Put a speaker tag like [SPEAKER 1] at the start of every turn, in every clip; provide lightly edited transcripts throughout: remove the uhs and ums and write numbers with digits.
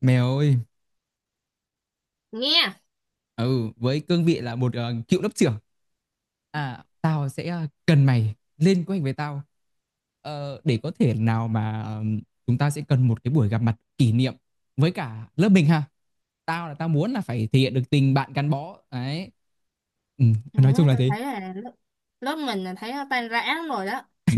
[SPEAKER 1] Mèo ơi,
[SPEAKER 2] Nghe.
[SPEAKER 1] ừ, với cương vị là một cựu lớp trưởng. À, tao sẽ cần mày lên kế hoạch với tao. Để có thể nào mà chúng ta sẽ cần một cái buổi gặp mặt kỷ niệm với cả lớp mình ha. Tao muốn là phải thể hiện được tình bạn gắn bó. Đấy. Ừ,
[SPEAKER 2] Đấy,
[SPEAKER 1] nói chung là
[SPEAKER 2] tôi
[SPEAKER 1] thế.
[SPEAKER 2] thấy là lớp mình là thấy nó tan rã lắm rồi đó.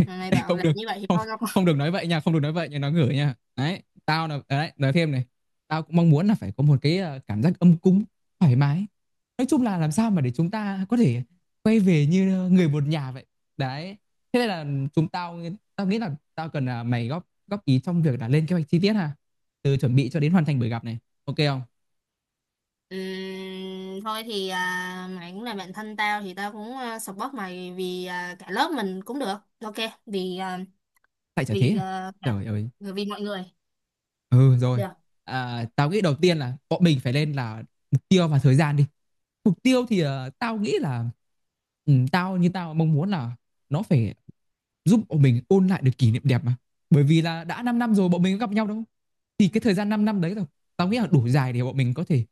[SPEAKER 2] Mà mày
[SPEAKER 1] Ê,
[SPEAKER 2] bảo
[SPEAKER 1] không
[SPEAKER 2] làm
[SPEAKER 1] được,
[SPEAKER 2] như vậy thì
[SPEAKER 1] không
[SPEAKER 2] thôi đâu có.
[SPEAKER 1] không được nói vậy nha, không được nói vậy nha, nó ngửi nha. Đấy, đấy nói thêm này. Tao cũng mong muốn là phải có một cái cảm giác ấm cúng, thoải mái. Nói chung là làm sao mà để chúng ta có thể quay về như người một nhà vậy. Đấy. Thế nên là chúng tao tao nghĩ là tao cần là mày góp góp ý trong việc là lên kế hoạch chi tiết ha, từ chuẩn bị cho đến hoàn thành buổi gặp này. Ok không?
[SPEAKER 2] Ừm, Thôi thì mày cũng là bạn thân tao thì tao cũng support mày vì cả lớp mình cũng được. Ok, vì à,
[SPEAKER 1] Tại chả thế
[SPEAKER 2] vì
[SPEAKER 1] à?
[SPEAKER 2] à, cả
[SPEAKER 1] Trời ơi.
[SPEAKER 2] vì mọi người
[SPEAKER 1] Ừ rồi.
[SPEAKER 2] được.
[SPEAKER 1] À, tao nghĩ đầu tiên là bọn mình phải lên là mục tiêu và thời gian đi. Mục tiêu thì tao nghĩ là tao mong muốn là nó phải giúp bọn mình ôn lại được kỷ niệm đẹp mà, bởi vì là đã 5 năm rồi bọn mình có gặp nhau đâu. Thì cái thời gian 5 năm đấy rồi, tao nghĩ là đủ dài để bọn mình có thể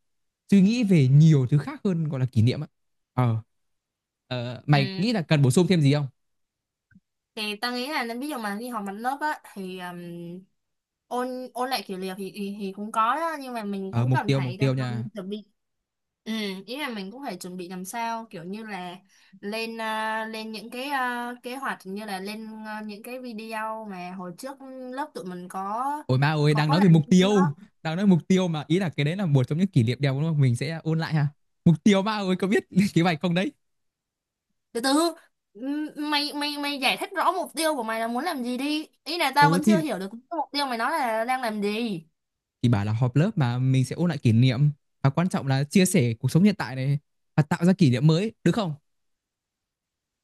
[SPEAKER 1] suy nghĩ về nhiều thứ khác hơn gọi là kỷ niệm á. ờ Mày nghĩ
[SPEAKER 2] Ừm,
[SPEAKER 1] là cần bổ sung thêm gì không?
[SPEAKER 2] thì ta nghĩ là nên ví dụ mà đi học mặt lớp á thì ôn ôn lại kiểu liều thì cũng có đó, nhưng mà mình
[SPEAKER 1] Ờ
[SPEAKER 2] cũng
[SPEAKER 1] Mục
[SPEAKER 2] cần
[SPEAKER 1] tiêu mục
[SPEAKER 2] phải
[SPEAKER 1] tiêu nha.
[SPEAKER 2] chuẩn bị. Ừ, ý là mình cũng phải chuẩn bị làm sao kiểu như là lên lên những cái kế hoạch, như là lên những cái video mà hồi trước lớp tụi mình có
[SPEAKER 1] Ôi ma ơi,
[SPEAKER 2] có
[SPEAKER 1] đang
[SPEAKER 2] có
[SPEAKER 1] nói
[SPEAKER 2] làm
[SPEAKER 1] về mục
[SPEAKER 2] cái đó.
[SPEAKER 1] tiêu, đang nói mục tiêu mà, ý là cái đấy là một trong những kỷ niệm đẹp đúng không, mình sẽ ôn lại ha. Mục tiêu ma ơi có biết kế hoạch không đấy.
[SPEAKER 2] Từ từ, m- mày mày mày giải thích rõ mục tiêu của mày là muốn làm gì đi, ý là tao
[SPEAKER 1] Ồ
[SPEAKER 2] vẫn chưa
[SPEAKER 1] thì
[SPEAKER 2] hiểu được cái mục tiêu mày nói là đang làm gì.
[SPEAKER 1] thì bảo là họp lớp mà mình sẽ ôn lại kỷ niệm, và quan trọng là chia sẻ cuộc sống hiện tại này, và tạo ra kỷ niệm mới được không?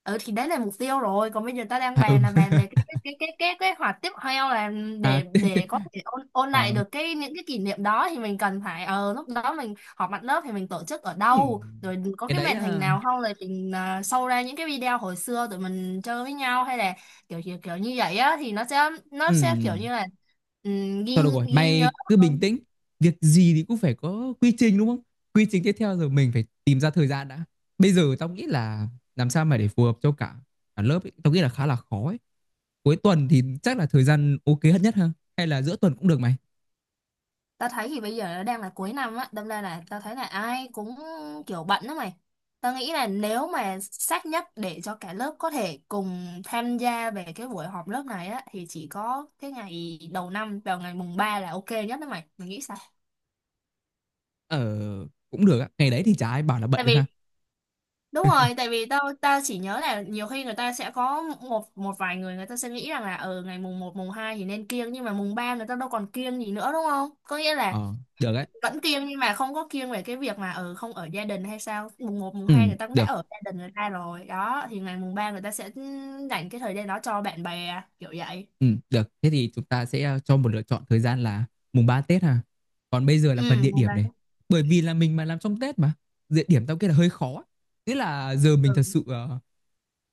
[SPEAKER 2] Ừ thì đấy là mục tiêu rồi, còn bây giờ ta đang
[SPEAKER 1] À, ừ.
[SPEAKER 2] bàn là bàn về cái kế hoạch tiếp theo là
[SPEAKER 1] À,
[SPEAKER 2] để
[SPEAKER 1] tiếp tiếp.
[SPEAKER 2] có thể ôn ôn lại
[SPEAKER 1] ờ
[SPEAKER 2] được cái những cái kỷ niệm đó, thì mình cần phải ờ lúc đó mình họp mặt lớp thì mình tổ chức ở đâu,
[SPEAKER 1] ừm,
[SPEAKER 2] rồi có
[SPEAKER 1] cái
[SPEAKER 2] cái
[SPEAKER 1] đấy
[SPEAKER 2] màn hình
[SPEAKER 1] à,
[SPEAKER 2] nào không, rồi mình show ra những cái video hồi xưa tụi mình chơi với nhau, hay là kiểu kiểu, kiểu như vậy á thì nó sẽ nó
[SPEAKER 1] ừ.
[SPEAKER 2] sẽ kiểu như là ghi
[SPEAKER 1] Thôi được rồi
[SPEAKER 2] ghi nhớ.
[SPEAKER 1] mày cứ bình tĩnh, việc gì thì cũng phải có quy trình đúng không. Quy trình tiếp theo rồi mình phải tìm ra thời gian đã. Bây giờ tao nghĩ là làm sao mà để phù hợp cho cả cả lớp ấy, tao nghĩ là khá là khó ấy. Cuối tuần thì chắc là thời gian ok hết nhất ha, hay là giữa tuần cũng được mày?
[SPEAKER 2] Tao thấy thì bây giờ nó đang là cuối năm á, đâm ra là tao thấy là ai cũng kiểu bận đó mày. Tao nghĩ là nếu mà sát nhất để cho cả lớp có thể cùng tham gia về cái buổi họp lớp này á, thì chỉ có cái ngày đầu năm vào ngày mùng 3 là ok nhất đó mày, mày nghĩ sao?
[SPEAKER 1] ờ Cũng được á, ngày đấy thì chả ai bảo là bận
[SPEAKER 2] Tại
[SPEAKER 1] được ha.
[SPEAKER 2] vì đúng rồi, tại vì tao tao chỉ nhớ là nhiều khi người ta sẽ có một một vài người, người ta sẽ nghĩ rằng là ở ngày mùng một mùng 2 thì nên kiêng, nhưng mà mùng 3 người ta đâu còn kiêng gì nữa đúng không, có nghĩa là
[SPEAKER 1] Ờ, được đấy.
[SPEAKER 2] vẫn kiêng, nhưng mà không có kiêng về cái việc mà ừ, không ở gia đình hay sao, mùng một mùng
[SPEAKER 1] Ừ,
[SPEAKER 2] 2 người ta cũng đã
[SPEAKER 1] được.
[SPEAKER 2] ở gia đình người ta rồi đó, thì ngày mùng 3 người ta sẽ dành cái thời gian đó cho bạn bè kiểu vậy.
[SPEAKER 1] Ừ, được. Thế thì chúng ta sẽ cho một lựa chọn thời gian là mùng 3 Tết ha. Còn bây giờ là phần
[SPEAKER 2] Ừ,
[SPEAKER 1] địa
[SPEAKER 2] mùng
[SPEAKER 1] điểm
[SPEAKER 2] ba.
[SPEAKER 1] này. Bởi vì là mình mà làm trong Tết mà. Địa điểm tao nghĩ là hơi khó. Thế là giờ mình thật
[SPEAKER 2] Ừ.
[SPEAKER 1] sự ờ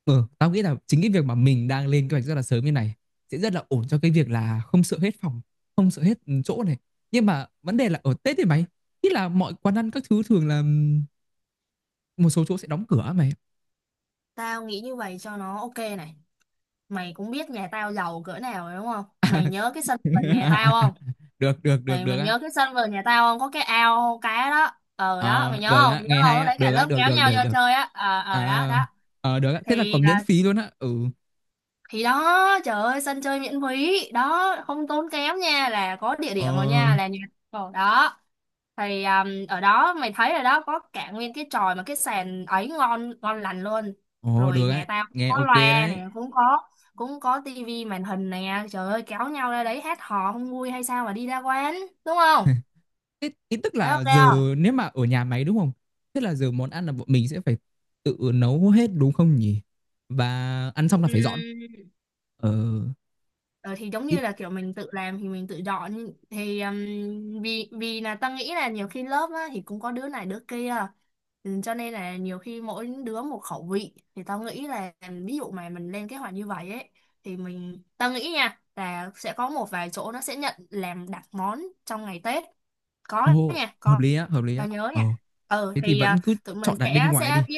[SPEAKER 1] ờ, tao nghĩ là chính cái việc mà mình đang lên kế hoạch rất là sớm như này sẽ rất là ổn cho cái việc là không sợ hết phòng, không sợ hết chỗ này. Nhưng mà vấn đề là ở Tết thì mày, ý là mọi quán ăn các thứ thường là một số chỗ sẽ đóng cửa á mày.
[SPEAKER 2] Tao nghĩ như vậy cho nó ok này. Mày cũng biết nhà tao giàu cỡ nào rồi đúng không, mày nhớ cái sân vườn nhà tao không?
[SPEAKER 1] Được, được, được,
[SPEAKER 2] mày
[SPEAKER 1] được
[SPEAKER 2] mày
[SPEAKER 1] á.
[SPEAKER 2] nhớ cái sân vườn nhà tao không, có cái ao cá đó, ờ đó, mày
[SPEAKER 1] Ờ,
[SPEAKER 2] nhớ
[SPEAKER 1] được
[SPEAKER 2] không,
[SPEAKER 1] á,
[SPEAKER 2] mày nhớ
[SPEAKER 1] nghe
[SPEAKER 2] không,
[SPEAKER 1] hay
[SPEAKER 2] lúc đấy cả
[SPEAKER 1] á,
[SPEAKER 2] lớp
[SPEAKER 1] được
[SPEAKER 2] kéo
[SPEAKER 1] được
[SPEAKER 2] nhau
[SPEAKER 1] được
[SPEAKER 2] vô
[SPEAKER 1] được.
[SPEAKER 2] chơi á, ờ ờ đó
[SPEAKER 1] À,
[SPEAKER 2] đó.
[SPEAKER 1] được á, thế là
[SPEAKER 2] Thì
[SPEAKER 1] còn miễn phí luôn á. Ừ.
[SPEAKER 2] thì đó trời ơi, sân chơi miễn phí đó, không tốn kém nha, là có địa
[SPEAKER 1] Ờ,
[SPEAKER 2] điểm rồi nha, là nhà. Ồ, đó thì ở đó mày thấy rồi đó, có cả nguyên cái chòi mà cái sàn ấy ngon ngon lành luôn.
[SPEAKER 1] ồ
[SPEAKER 2] Rồi
[SPEAKER 1] Được á,
[SPEAKER 2] nhà tao cũng
[SPEAKER 1] nghe
[SPEAKER 2] có
[SPEAKER 1] ok
[SPEAKER 2] loa
[SPEAKER 1] đấy.
[SPEAKER 2] nè, cũng có, cũng có tivi màn hình nè, trời ơi kéo nhau ra đấy hát hò không vui hay sao mà đi ra quán, đúng không?
[SPEAKER 1] Thế ý tức
[SPEAKER 2] Thấy ok
[SPEAKER 1] là giờ
[SPEAKER 2] không?
[SPEAKER 1] nếu mà ở nhà máy đúng không? Thế là giờ món ăn là bọn mình sẽ phải tự nấu hết đúng không nhỉ? Và ăn xong là phải dọn.
[SPEAKER 2] Ừm,
[SPEAKER 1] Ờ,
[SPEAKER 2] Ờ, thì giống như
[SPEAKER 1] Ít,
[SPEAKER 2] là kiểu mình tự làm thì mình tự dọn thì vì vì là ta nghĩ là nhiều khi lớp á thì cũng có đứa này đứa kia. Ừ, cho nên là nhiều khi mỗi đứa một khẩu vị thì tao nghĩ là ví dụ mà mình lên kế hoạch như vậy ấy, thì mình tao nghĩ nha là sẽ có một vài chỗ nó sẽ nhận làm đặt món trong ngày Tết, có nha,
[SPEAKER 1] hợp
[SPEAKER 2] có,
[SPEAKER 1] lý á, hợp lý á.
[SPEAKER 2] tao nhớ
[SPEAKER 1] Ờ,
[SPEAKER 2] nha. Ừ
[SPEAKER 1] Thế thì
[SPEAKER 2] thì
[SPEAKER 1] vẫn cứ
[SPEAKER 2] tụi mình
[SPEAKER 1] chọn đặt bên ngoài đi.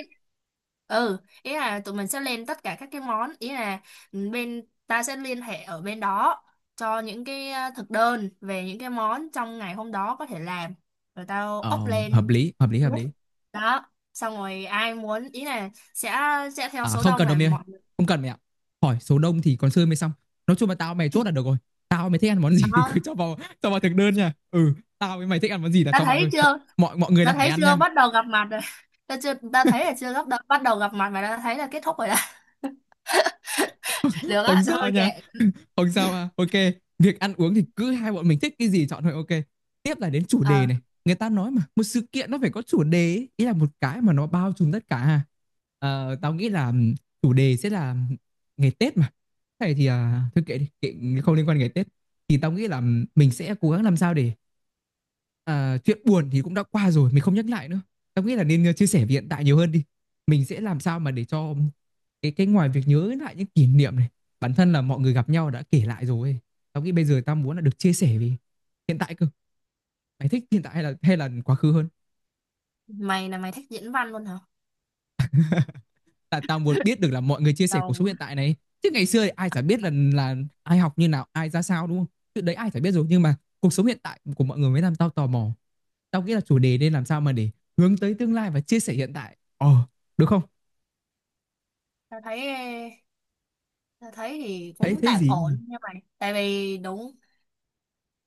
[SPEAKER 2] ừ, ý là tụi mình sẽ lên tất cả các cái món, ý là ừ, bên ta sẽ liên hệ ở bên đó cho những cái thực đơn về những cái món trong ngày hôm đó có thể làm, rồi tao
[SPEAKER 1] Ờ,
[SPEAKER 2] up
[SPEAKER 1] hợp
[SPEAKER 2] lên
[SPEAKER 1] lý, hợp lý, hợp
[SPEAKER 2] group
[SPEAKER 1] lý.
[SPEAKER 2] đó, xong rồi ai muốn ý là sẽ theo
[SPEAKER 1] À
[SPEAKER 2] số
[SPEAKER 1] không
[SPEAKER 2] đông
[SPEAKER 1] cần đâu
[SPEAKER 2] là
[SPEAKER 1] mày ơi.
[SPEAKER 2] mọi người.
[SPEAKER 1] Không cần mày ạ. Hỏi số đông thì còn chơi mới xong. Nói chung là tao mày chốt là được rồi. Tao mày thích ăn món gì thì cứ
[SPEAKER 2] Đó.
[SPEAKER 1] cho vào. Cho vào thực đơn nha. Ừ. Tao với mày thích ăn món gì là
[SPEAKER 2] Ta
[SPEAKER 1] cho vào
[SPEAKER 2] thấy
[SPEAKER 1] thôi. Mọi,
[SPEAKER 2] chưa,
[SPEAKER 1] mọi, mọi người
[SPEAKER 2] ta
[SPEAKER 1] là phải
[SPEAKER 2] thấy
[SPEAKER 1] ăn
[SPEAKER 2] chưa,
[SPEAKER 1] nha.
[SPEAKER 2] bắt đầu gặp mặt rồi. Ta chưa, ta thấy là chưa bắt đầu gặp mặt mà ta thấy là kết thúc rồi đó. Được
[SPEAKER 1] Không
[SPEAKER 2] á,
[SPEAKER 1] sao
[SPEAKER 2] thôi
[SPEAKER 1] nha.
[SPEAKER 2] kệ.
[SPEAKER 1] Không sao à. Ok. Việc ăn uống thì cứ hai bọn mình thích cái gì chọn thôi. Ok. Tiếp là đến chủ
[SPEAKER 2] Ờ,
[SPEAKER 1] đề này. Người ta nói mà một sự kiện nó phải có chủ đề ấy. Ý là một cái mà nó bao trùm tất cả. Tao nghĩ là chủ đề sẽ là ngày Tết mà. Thế này thì thôi kệ đi, kệ không liên quan ngày Tết. Thì tao nghĩ là mình sẽ cố gắng làm sao để chuyện buồn thì cũng đã qua rồi, mình không nhắc lại nữa. Tao nghĩ là nên chia sẻ về hiện tại nhiều hơn đi. Mình sẽ làm sao mà để cho cái ngoài việc nhớ lại những kỷ niệm này, bản thân là mọi người gặp nhau đã kể lại rồi ấy. Tao nghĩ bây giờ tao muốn là được chia sẻ về hiện tại cơ. Mày thích hiện tại hay là quá khứ hơn?
[SPEAKER 2] mày thích diễn văn luôn hả,
[SPEAKER 1] Tại tao muốn biết được là mọi người chia sẻ cuộc
[SPEAKER 2] đầu
[SPEAKER 1] sống
[SPEAKER 2] quá.
[SPEAKER 1] hiện tại này. Chứ ngày xưa thì ai chả biết là ai học như nào, ai ra sao đúng không? Chuyện đấy ai chả biết rồi nhưng mà cuộc sống hiện tại của mọi người mới làm tao tò mò. Tao nghĩ là chủ đề nên làm sao mà để hướng tới tương lai và chia sẻ hiện tại. Ờ, được không?
[SPEAKER 2] tao thấy Tao thấy thì
[SPEAKER 1] Thấy
[SPEAKER 2] cũng
[SPEAKER 1] thấy
[SPEAKER 2] tạm
[SPEAKER 1] gì?
[SPEAKER 2] ổn nha mày, tại vì đúng,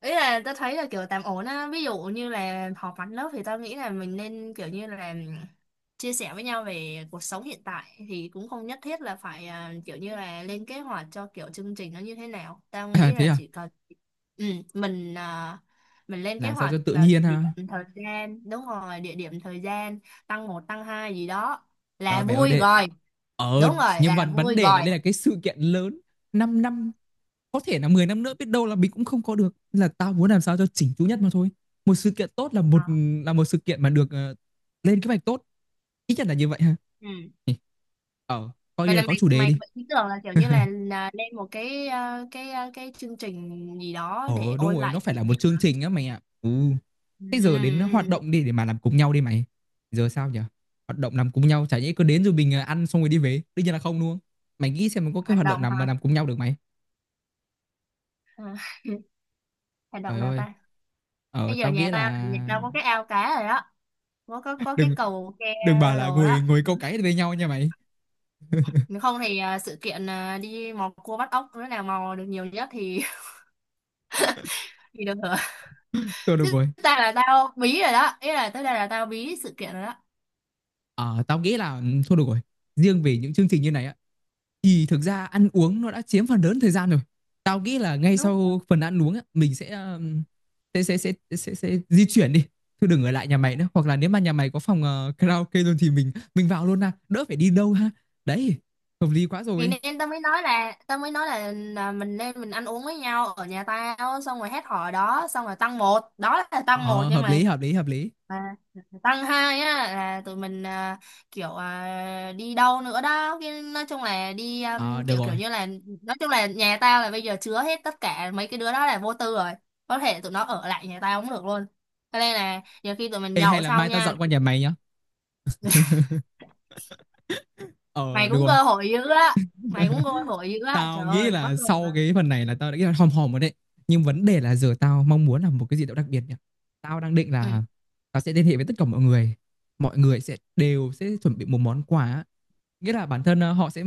[SPEAKER 2] ý là tao thấy là kiểu tạm ổn á, ví dụ như là họp mặt lớp thì tao nghĩ là mình nên kiểu như là chia sẻ với nhau về cuộc sống hiện tại, thì cũng không nhất thiết là phải kiểu như là lên kế hoạch cho kiểu chương trình nó như thế nào, tao
[SPEAKER 1] À
[SPEAKER 2] nghĩ
[SPEAKER 1] thế
[SPEAKER 2] là
[SPEAKER 1] à?
[SPEAKER 2] chỉ cần ừ, mình mình lên kế
[SPEAKER 1] Làm sao
[SPEAKER 2] hoạch
[SPEAKER 1] cho tự
[SPEAKER 2] vào địa
[SPEAKER 1] nhiên
[SPEAKER 2] điểm
[SPEAKER 1] ha?
[SPEAKER 2] thời gian, đúng rồi địa điểm thời gian, tăng một tăng hai gì đó là
[SPEAKER 1] Trời mẹ ơi
[SPEAKER 2] vui
[SPEAKER 1] đệ.
[SPEAKER 2] rồi.
[SPEAKER 1] Ờ
[SPEAKER 2] Đúng
[SPEAKER 1] thì
[SPEAKER 2] rồi,
[SPEAKER 1] nhưng mà
[SPEAKER 2] là
[SPEAKER 1] vấn
[SPEAKER 2] vui
[SPEAKER 1] đề
[SPEAKER 2] rồi.
[SPEAKER 1] là đây là cái sự kiện lớn, 5 năm, có thể là 10 năm nữa biết đâu là mình cũng không có được. Nên là tao muốn làm sao cho chỉnh chu nhất mà thôi. Một sự kiện tốt là
[SPEAKER 2] Ờ.
[SPEAKER 1] một, là một sự kiện mà được lên kế hoạch tốt, ít nhất là như vậy ha.
[SPEAKER 2] Ừ.
[SPEAKER 1] Ừ. ờ Coi
[SPEAKER 2] Vậy
[SPEAKER 1] như
[SPEAKER 2] là
[SPEAKER 1] là có
[SPEAKER 2] mày
[SPEAKER 1] chủ đề
[SPEAKER 2] mày
[SPEAKER 1] đi.
[SPEAKER 2] có ý tưởng là kiểu như là lên một cái cái cái chương trình gì đó
[SPEAKER 1] ờ
[SPEAKER 2] để
[SPEAKER 1] Đúng
[SPEAKER 2] ôn
[SPEAKER 1] rồi nó
[SPEAKER 2] lại
[SPEAKER 1] phải
[SPEAKER 2] kỷ
[SPEAKER 1] là một
[SPEAKER 2] niệm
[SPEAKER 1] chương
[SPEAKER 2] hả?
[SPEAKER 1] trình á mày ạ. Ừ. Thế giờ đến
[SPEAKER 2] Ừ.
[SPEAKER 1] hoạt động đi để mà làm cùng nhau đi mày, giờ sao nhỉ? Hoạt động làm cùng nhau chả nhẽ cứ đến rồi mình ăn xong rồi đi về đương nhiên là không đúng không. Mày nghĩ xem mình có cái
[SPEAKER 2] Hoạt
[SPEAKER 1] hoạt động
[SPEAKER 2] động
[SPEAKER 1] nào mà
[SPEAKER 2] hả?
[SPEAKER 1] làm cùng nhau được mày.
[SPEAKER 2] Ừ. Hoạt động
[SPEAKER 1] Trời
[SPEAKER 2] nào
[SPEAKER 1] ơi,
[SPEAKER 2] ta?
[SPEAKER 1] ờ
[SPEAKER 2] Bây giờ
[SPEAKER 1] tao nghĩ là
[SPEAKER 2] nhà tao có cái ao cá rồi đó, có có cái
[SPEAKER 1] đừng
[SPEAKER 2] cầu ke
[SPEAKER 1] đừng bảo là
[SPEAKER 2] đồ đó.
[SPEAKER 1] ngồi ngồi câu cái với nhau nha mày.
[SPEAKER 2] Nếu không thì ờ, sự kiện ờ, đi mò cua bắt ốc, đứa nào mò được nhiều nhất thì thì được hưởng
[SPEAKER 1] Thôi được
[SPEAKER 2] chứ.
[SPEAKER 1] rồi.
[SPEAKER 2] Ta là tao bí rồi đó, ý là tới đây là tao bí sự kiện rồi.
[SPEAKER 1] Ờ tao nghĩ là ừ, thôi được rồi. Riêng về những chương trình như này á thì thực ra ăn uống nó đã chiếm phần lớn thời gian rồi. Tao nghĩ là ngay
[SPEAKER 2] Đó
[SPEAKER 1] sau phần ăn uống á mình sẽ di chuyển đi. Thôi đừng ở lại nhà mày nữa hoặc là nếu mà nhà mày có phòng karaoke luôn thì mình vào luôn ha, đỡ phải đi đâu ha. Đấy, hợp lý quá
[SPEAKER 2] thì
[SPEAKER 1] rồi.
[SPEAKER 2] nên tao mới nói là mình nên mình ăn uống với nhau ở nhà tao, xong rồi hết hò đó xong rồi tăng một, đó là tăng
[SPEAKER 1] Ờ
[SPEAKER 2] một nha
[SPEAKER 1] hợp lý,
[SPEAKER 2] mày.
[SPEAKER 1] hợp lý, hợp lý.
[SPEAKER 2] Mà tăng hai á là tụi mình kiểu đi đâu nữa đó, cái nói chung là đi
[SPEAKER 1] Ờ được
[SPEAKER 2] kiểu kiểu
[SPEAKER 1] rồi.
[SPEAKER 2] như là, nói chung là nhà tao là bây giờ chứa hết tất cả mấy cái đứa đó là vô tư rồi, có thể tụi nó ở lại nhà tao cũng được luôn, cho nên là nhiều khi tụi mình
[SPEAKER 1] Ê, hay
[SPEAKER 2] nhậu
[SPEAKER 1] là
[SPEAKER 2] xong
[SPEAKER 1] mai tao
[SPEAKER 2] nha.
[SPEAKER 1] dọn qua nhà mày nhá. Ờ
[SPEAKER 2] Mày
[SPEAKER 1] được
[SPEAKER 2] cũng
[SPEAKER 1] rồi.
[SPEAKER 2] cơ hội dữ á, mày cũng cơ hội dữ á,
[SPEAKER 1] Tao
[SPEAKER 2] trời
[SPEAKER 1] nghĩ
[SPEAKER 2] ơi quá
[SPEAKER 1] là
[SPEAKER 2] rồi.
[SPEAKER 1] sau cái phần này là tao đã nghĩ là hòm hòm rồi đấy. Nhưng vấn đề là giờ tao mong muốn là một cái gì đó đặc biệt nhỉ. Tao đang định là tao sẽ liên hệ với tất cả mọi người. Mọi người sẽ đều sẽ chuẩn bị một món quà, nghĩa là bản thân họ sẽ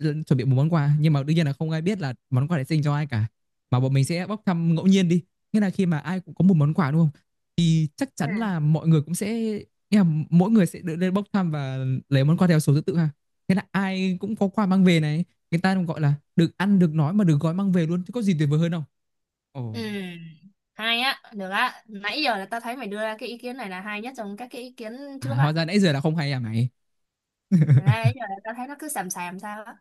[SPEAKER 1] chuẩn bị một món quà nhưng mà đương nhiên là không ai biết là món quà để dành cho ai cả, mà bọn mình sẽ bốc thăm ngẫu nhiên đi. Nghĩa là khi mà ai cũng có một món quà đúng không thì chắc
[SPEAKER 2] Ừ.
[SPEAKER 1] chắn là mọi người cũng sẽ, nghĩa là mỗi người sẽ được lên bốc thăm và lấy món quà theo số thứ tự ha. Thế là ai cũng có quà mang về này, người ta cũng gọi là được ăn được nói mà được gói mang về luôn, chứ có gì tuyệt vời hơn không.
[SPEAKER 2] Ừ,
[SPEAKER 1] Ồ.
[SPEAKER 2] hay á, được á. Nãy giờ là tao thấy mày đưa ra cái ý kiến này là hay nhất trong các cái ý kiến
[SPEAKER 1] À,
[SPEAKER 2] trước
[SPEAKER 1] hóa
[SPEAKER 2] á.
[SPEAKER 1] ra nãy giờ là không hay à mày.
[SPEAKER 2] Nãy giờ là tao thấy nó cứ xàm xàm sao á.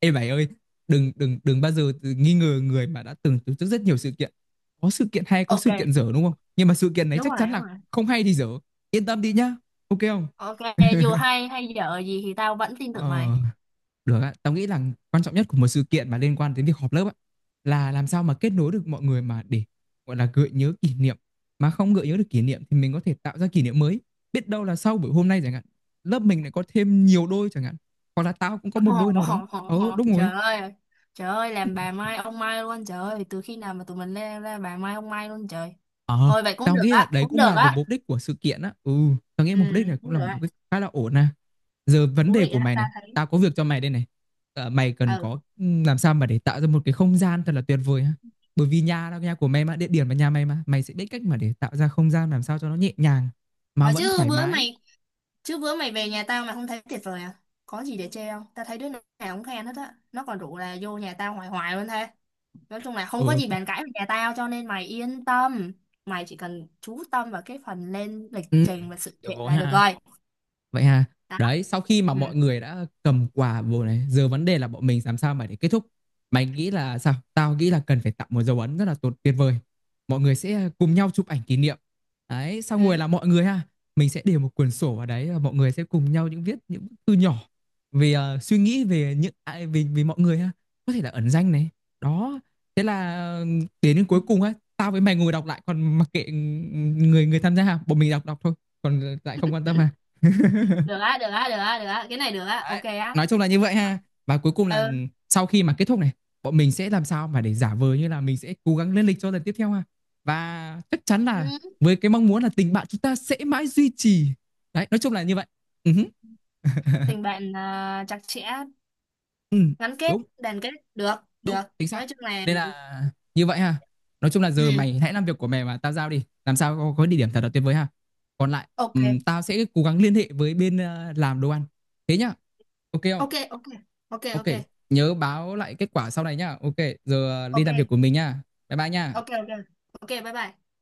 [SPEAKER 1] Ê mày ơi, đừng đừng đừng bao giờ tự nghi ngờ người mà đã từng tổ chức rất nhiều sự kiện. Có sự kiện hay, có
[SPEAKER 2] Ok,
[SPEAKER 1] sự kiện dở đúng không? Nhưng mà sự kiện này
[SPEAKER 2] đúng
[SPEAKER 1] chắc
[SPEAKER 2] rồi,
[SPEAKER 1] chắn
[SPEAKER 2] đúng
[SPEAKER 1] là
[SPEAKER 2] rồi.
[SPEAKER 1] không hay thì dở. Yên tâm đi nhá. Ok không?
[SPEAKER 2] Ok, dù hay hay dở gì thì tao vẫn tin tưởng
[SPEAKER 1] Ờ,
[SPEAKER 2] mày.
[SPEAKER 1] được ạ. Tao nghĩ là quan trọng nhất của một sự kiện mà liên quan đến việc họp lớp ạ, là làm sao mà kết nối được mọi người mà để gọi là gợi nhớ kỷ niệm. Mà không gợi nhớ được kỷ niệm thì mình có thể tạo ra kỷ niệm mới. Biết đâu là sau buổi hôm nay chẳng hạn, lớp mình lại có thêm nhiều đôi chẳng hạn. Hoặc là tao cũng có một đôi nào đó. Ồ,
[SPEAKER 2] Ồ,
[SPEAKER 1] đúng rồi.
[SPEAKER 2] trời ơi, trời ơi, làm bà Mai ông Mai luôn, trời ơi, từ khi nào mà tụi mình lên ra bà Mai ông Mai luôn trời.
[SPEAKER 1] Ờ,
[SPEAKER 2] Thôi vậy cũng
[SPEAKER 1] tao
[SPEAKER 2] được
[SPEAKER 1] nghĩ là
[SPEAKER 2] á,
[SPEAKER 1] đấy
[SPEAKER 2] cũng
[SPEAKER 1] cũng
[SPEAKER 2] được
[SPEAKER 1] là một
[SPEAKER 2] á.
[SPEAKER 1] mục đích của sự kiện á. Ừ, tao nghĩ
[SPEAKER 2] Ừ,
[SPEAKER 1] mục đích này cũng
[SPEAKER 2] cũng
[SPEAKER 1] là
[SPEAKER 2] được
[SPEAKER 1] một
[SPEAKER 2] á.
[SPEAKER 1] mục đích khá là ổn à. Giờ vấn
[SPEAKER 2] Thú
[SPEAKER 1] đề
[SPEAKER 2] vị
[SPEAKER 1] của
[SPEAKER 2] á,
[SPEAKER 1] mày
[SPEAKER 2] tao
[SPEAKER 1] này,
[SPEAKER 2] thấy.
[SPEAKER 1] tao có việc cho mày đây này. Ờ, mày cần
[SPEAKER 2] Ừ,
[SPEAKER 1] có làm sao mà để tạo ra một cái không gian thật là tuyệt vời ha. Bởi vì nhà đâu nhà của mày mà, địa điểm là nhà mày mà, mày sẽ biết cách mà để tạo ra không gian làm sao cho nó nhẹ nhàng mà
[SPEAKER 2] có
[SPEAKER 1] vẫn
[SPEAKER 2] chứ
[SPEAKER 1] thoải
[SPEAKER 2] bữa
[SPEAKER 1] mái.
[SPEAKER 2] mày chứ bữa mày về nhà tao mà không thấy tuyệt vời à? Có gì để chê không? Tao thấy đứa nào cũng khen hết á. Nó còn rủ là vô nhà tao hoài hoài luôn thế. Nói chung là không có
[SPEAKER 1] Ừ,
[SPEAKER 2] gì bàn cãi về nhà tao, cho nên mày yên tâm. Mày chỉ cần chú tâm vào cái phần lên lịch
[SPEAKER 1] ừ,
[SPEAKER 2] trình và sự
[SPEAKER 1] được
[SPEAKER 2] kiện
[SPEAKER 1] rồi
[SPEAKER 2] là được
[SPEAKER 1] ha.
[SPEAKER 2] rồi.
[SPEAKER 1] Vậy ha.
[SPEAKER 2] Đó.
[SPEAKER 1] Đấy, sau khi mà
[SPEAKER 2] Ừ.
[SPEAKER 1] mọi người đã cầm quà vô này, giờ vấn đề là bọn mình làm sao mà để kết thúc. Mày nghĩ là sao? Tao nghĩ là cần phải tạo một dấu ấn rất là tốt tuyệt vời. Mọi người sẽ cùng nhau chụp ảnh kỷ niệm. Đấy,
[SPEAKER 2] Ừ.
[SPEAKER 1] xong rồi là mọi người ha, mình sẽ để một quyển sổ vào đấy và mọi người sẽ cùng nhau những viết những bức thư nhỏ về suy nghĩ về những ai về về mọi người ha. Có thể là ẩn danh này. Đó. Thế là đến đến
[SPEAKER 2] Ừ.
[SPEAKER 1] cuối cùng á, tao với mày ngồi đọc lại còn mặc kệ người người tham gia ha, bọn mình đọc đọc thôi, còn lại không quan tâm
[SPEAKER 2] Ừ.
[SPEAKER 1] ha.
[SPEAKER 2] Được á, được á, được á, được á. Cái này được á, ok
[SPEAKER 1] Đấy,
[SPEAKER 2] á.
[SPEAKER 1] nói chung là như vậy ha. Và cuối cùng là
[SPEAKER 2] Ừ.
[SPEAKER 1] sau khi mà kết thúc này, bọn mình sẽ làm sao mà để giả vờ như là mình sẽ cố gắng lên lịch cho lần tiếp theo ha. Và chắc chắn là
[SPEAKER 2] Ừ.
[SPEAKER 1] với cái mong muốn là tình bạn chúng ta sẽ mãi duy trì. Đấy, nói chung là như vậy. Ừ,
[SPEAKER 2] Tình bạn à, chặt chẽ,
[SPEAKER 1] ừ,
[SPEAKER 2] gắn kết,
[SPEAKER 1] đúng,
[SPEAKER 2] đoàn kết. Được,
[SPEAKER 1] đúng,
[SPEAKER 2] được.
[SPEAKER 1] chính xác.
[SPEAKER 2] Nói chung là...
[SPEAKER 1] Nên là như vậy ha. Nói chung là giờ
[SPEAKER 2] Ừ.
[SPEAKER 1] mày hãy làm việc của mày mà tao giao đi. Làm sao có địa điểm thật là tuyệt vời ha. Còn lại,
[SPEAKER 2] Ok.
[SPEAKER 1] tao sẽ cố gắng liên hệ với bên làm đồ ăn. Thế nhá. Ok không?
[SPEAKER 2] Ok, ok. Ok,
[SPEAKER 1] Ok,
[SPEAKER 2] ok.
[SPEAKER 1] nhớ báo lại kết quả sau này nhá. Ok, giờ đi
[SPEAKER 2] Ok,
[SPEAKER 1] làm việc của mình nhá. Bye bye nhá.
[SPEAKER 2] ok. Ok, ok. bye bye.